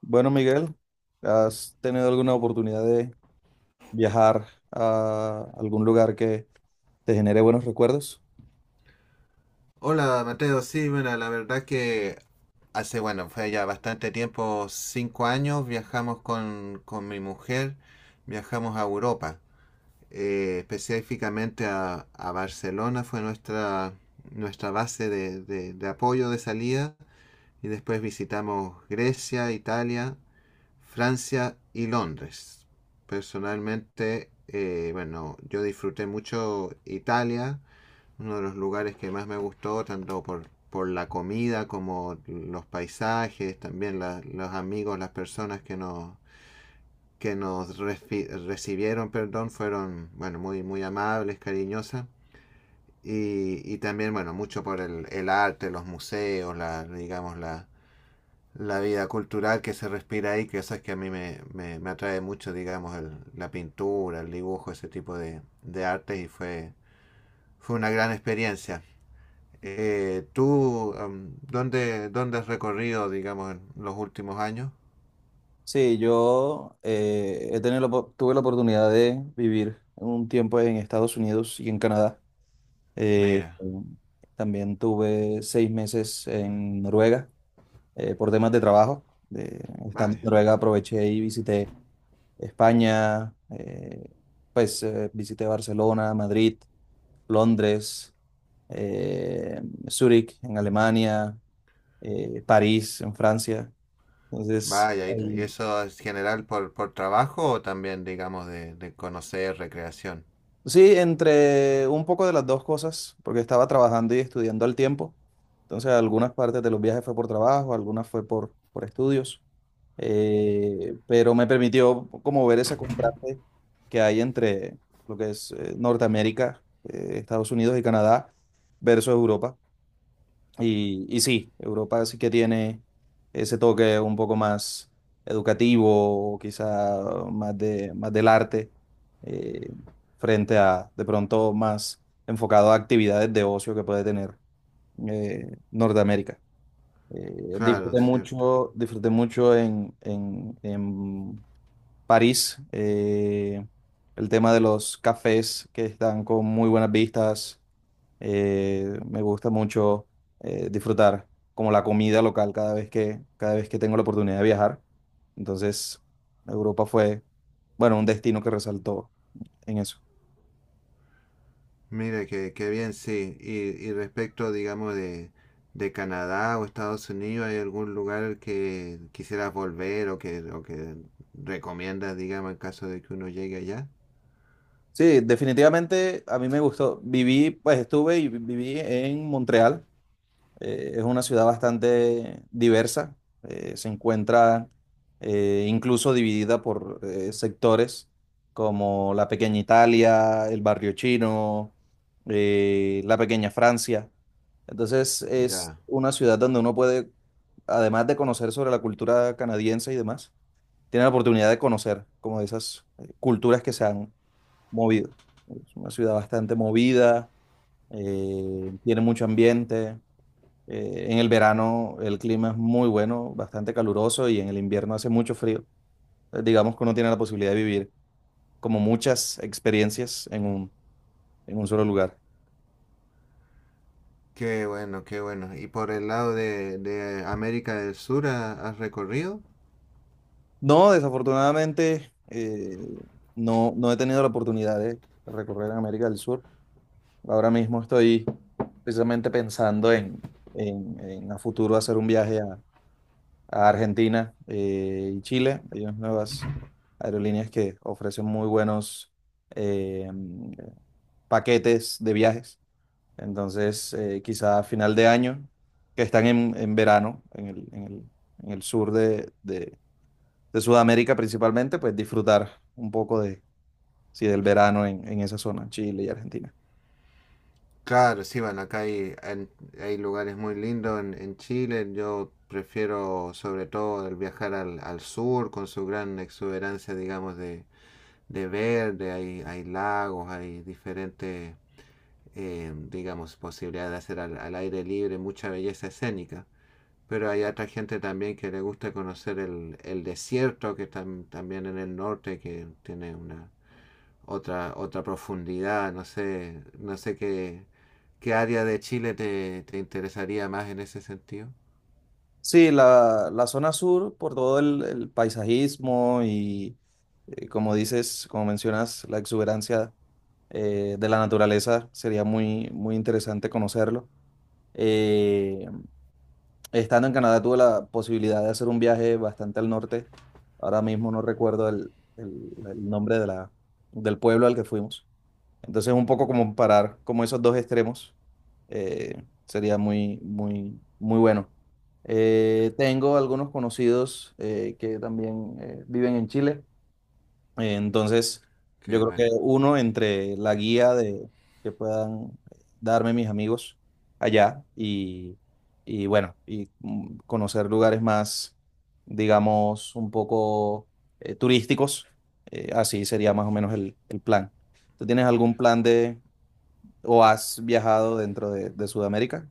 Bueno, Miguel, ¿has tenido alguna oportunidad de viajar a algún lugar que te genere buenos recuerdos? Hola Mateo, sí, bueno, la verdad que bueno, fue ya bastante tiempo, 5 años. Viajamos con mi mujer, viajamos a Europa, específicamente a Barcelona, fue nuestra base de apoyo de salida, y después visitamos Grecia, Italia, Francia y Londres. Personalmente, bueno, yo disfruté mucho Italia, uno de los lugares que más me gustó, tanto por la comida como los paisajes, también los amigos, las personas que nos recibieron, perdón, fueron, bueno, muy, muy amables, cariñosas. Y también, bueno, mucho por el arte, los museos, digamos, la vida cultural que se respira ahí, que eso es que a mí me atrae mucho, digamos, la pintura, el dibujo, ese tipo de artes, y fue una gran experiencia. ¿Tú dónde has recorrido, digamos, en los últimos años? Sí, yo he tenido la tuve la oportunidad de vivir un tiempo en Estados Unidos y en Canadá. Eh, Mira. también tuve 6 meses en Noruega, por temas de trabajo. Estando en Vaya, Noruega aproveché y visité España, visité Barcelona, Madrid, Londres, eh, Zúrich en Alemania, París en Francia. Entonces, vaya. Y ahí- eso es general por trabajo o también, digamos, de conocer, recreación? sí, entre un poco de las dos cosas, porque estaba trabajando y estudiando al tiempo. Entonces, algunas partes de los viajes fue por trabajo, algunas fue por estudios, pero me permitió como ver ese contraste que hay entre lo que es Norteamérica, Estados Unidos y Canadá versus Europa. Y sí, Europa sí que tiene ese toque un poco más educativo, o quizá más del arte, eh, frente a de pronto más enfocado a actividades de ocio que puede tener eh, Norteamérica. Claro, cierto. Disfruté mucho en París, el tema de los cafés que están con muy buenas vistas, me gusta mucho disfrutar como la comida local cada vez que tengo la oportunidad de viajar. Entonces, Europa fue, bueno, un destino que resaltó en eso. Mira, que bien, sí. Y respecto, digamos, de Canadá o Estados Unidos, ¿hay algún lugar al que quisieras volver o que recomiendas, digamos, en caso de que uno llegue allá? Sí, definitivamente a mí me gustó. Viví, pues estuve y viví en Montreal. Es una ciudad bastante diversa, se encuentra incluso dividida por sectores como la pequeña Italia, el barrio chino, la pequeña Francia. Entonces es Ya. una ciudad donde uno puede, además de conocer sobre la cultura canadiense y demás, tiene la oportunidad de conocer como de esas culturas que se han movido. Es una ciudad bastante movida, tiene mucho ambiente. En el verano el clima es muy bueno, bastante caluroso y en el invierno hace mucho frío. Digamos que uno tiene la posibilidad de vivir como muchas experiencias en un solo lugar. Qué bueno, qué bueno. ¿Y por el lado de América del Sur has recorrido? No, desafortunadamente no he tenido la oportunidad de recorrer en América del Sur. Ahora mismo estoy precisamente pensando en a futuro hacer un viaje a Argentina y Chile. Hay unas nuevas aerolíneas que ofrecen muy buenos... eh, paquetes de viajes. Entonces, quizá a final de año, que están en verano, en el sur de Sudamérica principalmente, pues disfrutar un poco de, sí, del verano en esa zona, Chile y Argentina. Claro, sí, bueno, acá hay lugares muy lindos en Chile. Yo prefiero sobre todo el viajar al sur con su gran exuberancia, digamos, de verde. Hay lagos, hay diferentes, digamos, posibilidades de hacer al aire libre, mucha belleza escénica. Pero hay otra gente también que le gusta conocer el desierto, que está también en el norte, que tiene una otra profundidad, no sé qué área de Chile te interesaría más en ese sentido. Sí, la zona sur, por todo el paisajismo y, como dices, como mencionas, la exuberancia de la naturaleza, sería muy, muy interesante conocerlo. Eh, Estando en Canadá tuve la posibilidad de hacer un viaje bastante al norte. Ahora mismo no recuerdo el nombre de la, del pueblo al que fuimos. Entonces un poco como parar como esos dos extremos sería muy, muy, muy bueno. Tengo algunos conocidos que también viven en Chile. Entonces, yo Que creo que bueno. uno entre la guía de que puedan darme mis amigos allá y bueno, y mm, conocer lugares más, digamos, un poco turísticos, así sería más o menos el plan. ¿Tú tienes algún plan de o has viajado dentro de Sudamérica?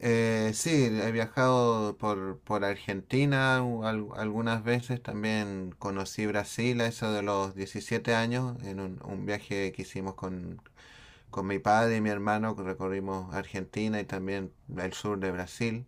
Sí, he viajado por Argentina, algunas veces, también conocí Brasil a eso de los 17 años en un viaje que hicimos con mi padre y mi hermano. Recorrimos Argentina y también el sur de Brasil.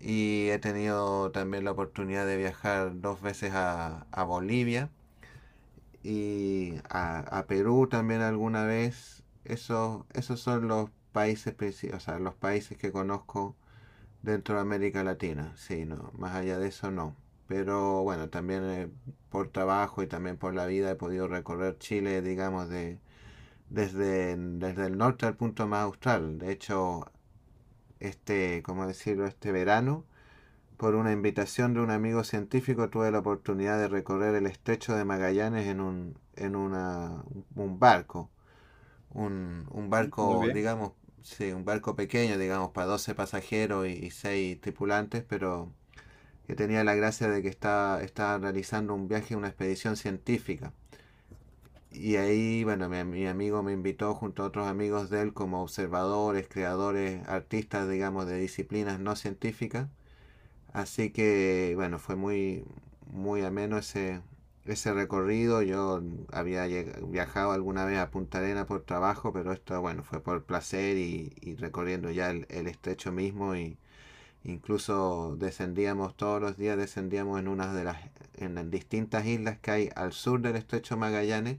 Y he tenido también la oportunidad de viajar dos veces a Bolivia y a Perú también alguna vez. Esos, esos son los países, o sea, los países que conozco dentro de América Latina. Sí, no, más allá de eso no. Pero bueno, también por trabajo y también por la vida he podido recorrer Chile, digamos, desde el norte al punto más austral. De hecho, este, como decirlo, este verano, por una invitación de un amigo científico, tuve la oportunidad de recorrer el estrecho de Magallanes en un barco. Un Mm, muy barco, bien. digamos, sí, un barco pequeño, digamos, para 12 pasajeros y 6 tripulantes, pero que tenía la gracia de que estaba realizando un viaje, una expedición científica. Y ahí, bueno, mi amigo me invitó junto a otros amigos de él como observadores, creadores, artistas, digamos, de disciplinas no científicas. Así que, bueno, fue muy, muy ameno ese recorrido. Yo había viajado alguna vez a Punta Arenas por trabajo, pero esto, bueno, fue por placer y recorriendo ya el estrecho mismo, y incluso descendíamos todos los días, descendíamos en unas de las en distintas islas que hay al sur del estrecho Magallanes,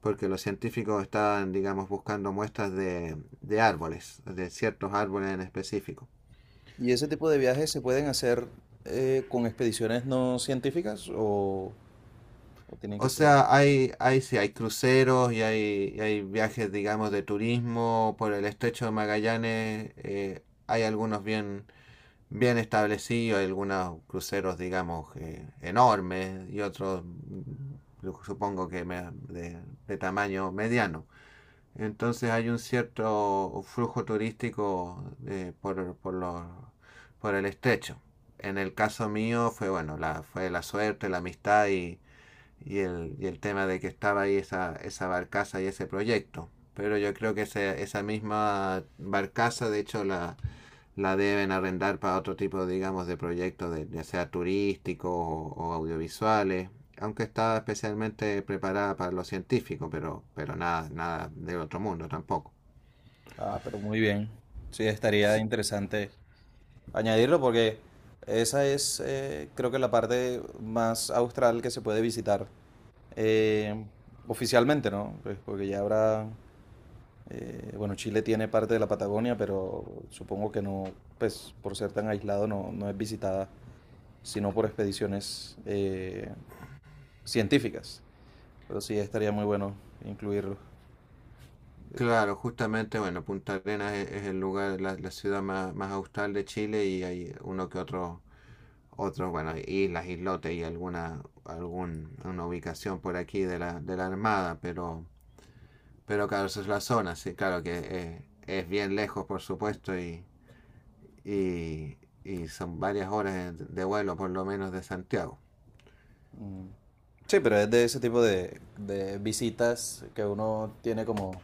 porque los científicos están, digamos, buscando muestras de árboles, de ciertos árboles en específico. ¿Y ese tipo de viajes se pueden hacer con expediciones no científicas o tienen que O ser? sea, hay, sí, hay cruceros y hay viajes, digamos, de turismo por el estrecho de Magallanes. Hay algunos bien, bien establecidos, hay algunos cruceros, digamos, enormes y otros, supongo que de tamaño mediano. Entonces hay un cierto flujo turístico por el estrecho. En el caso mío fue bueno, fue la suerte, la amistad y, y el tema de que estaba ahí esa barcaza y ese proyecto. Pero yo creo que esa misma barcaza, de hecho, la deben arrendar para otro tipo, digamos, de proyectos, ya sea turísticos o audiovisuales, aunque está especialmente preparada para lo científico, pero nada, nada del otro mundo tampoco. Ah, pero muy bien. Sí, estaría interesante añadirlo porque esa es, creo que la parte más austral que se puede visitar eh, oficialmente, ¿no? Pues porque ya habrá, bueno, Chile tiene parte de la Patagonia, pero supongo que no, pues por ser tan aislado no, no es visitada, sino por expediciones científicas. Pero sí, estaría muy bueno incluirlo. Claro, justamente, bueno, Punta Arenas es el lugar, la ciudad más austral de Chile, y hay uno que otro, otros, bueno, islas, islotes y una ubicación por aquí de la Armada, pero claro, esa es la zona, sí, claro que es bien lejos, por supuesto, y, y son varias horas vuelo por lo menos de Santiago. Mm. Sí, pero es de ese tipo de visitas que uno tiene como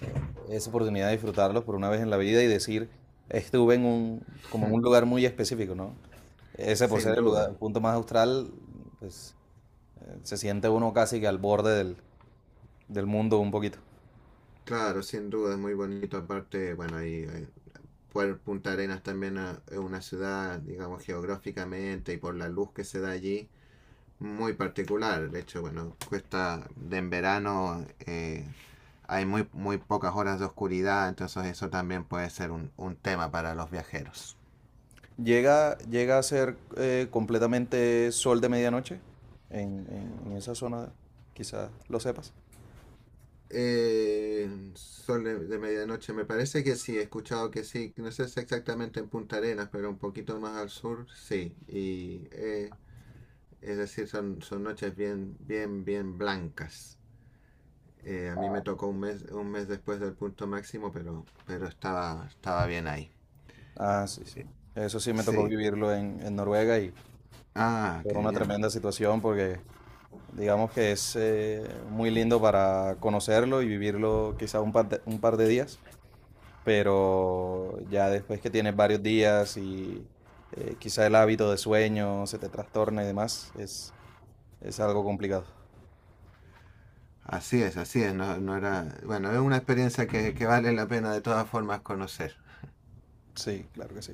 eh, esa oportunidad de disfrutarlos por una vez en la vida y decir, estuve en un, como en un lugar muy específico, ¿no? Ese por Sin ser el lugar, duda, el punto más austral, pues se siente uno casi que al borde del, del mundo un poquito. claro, sin duda es muy bonito. Aparte, bueno, ahí, por Punta Arenas también, es una ciudad, digamos, geográficamente y por la luz que se da allí, muy particular. De hecho, bueno, cuesta de en verano, hay muy, muy pocas horas de oscuridad, entonces eso también puede ser un tema para los viajeros. Llega, llega a ser completamente sol de medianoche en, en esa zona, quizás lo sepas. Sol de medianoche, me parece que sí, he escuchado que sí, no sé si exactamente en Punta Arenas, pero un poquito más al sur, sí. Y es decir, son noches bien, bien, bien blancas. A mí me tocó un mes después del punto máximo, pero estaba bien ahí. Ah, sí, sí. Eso sí me tocó Sí. vivirlo en Noruega y Ah, fue qué una bien. tremenda situación porque digamos que es muy lindo para conocerlo y vivirlo quizá un par de días, pero ya después que tienes varios días y quizá el hábito de sueño se te trastorna y demás, es algo complicado. Así es, así es. No, no era. Bueno, es una experiencia que vale la pena de todas formas conocer. Sí, claro que sí.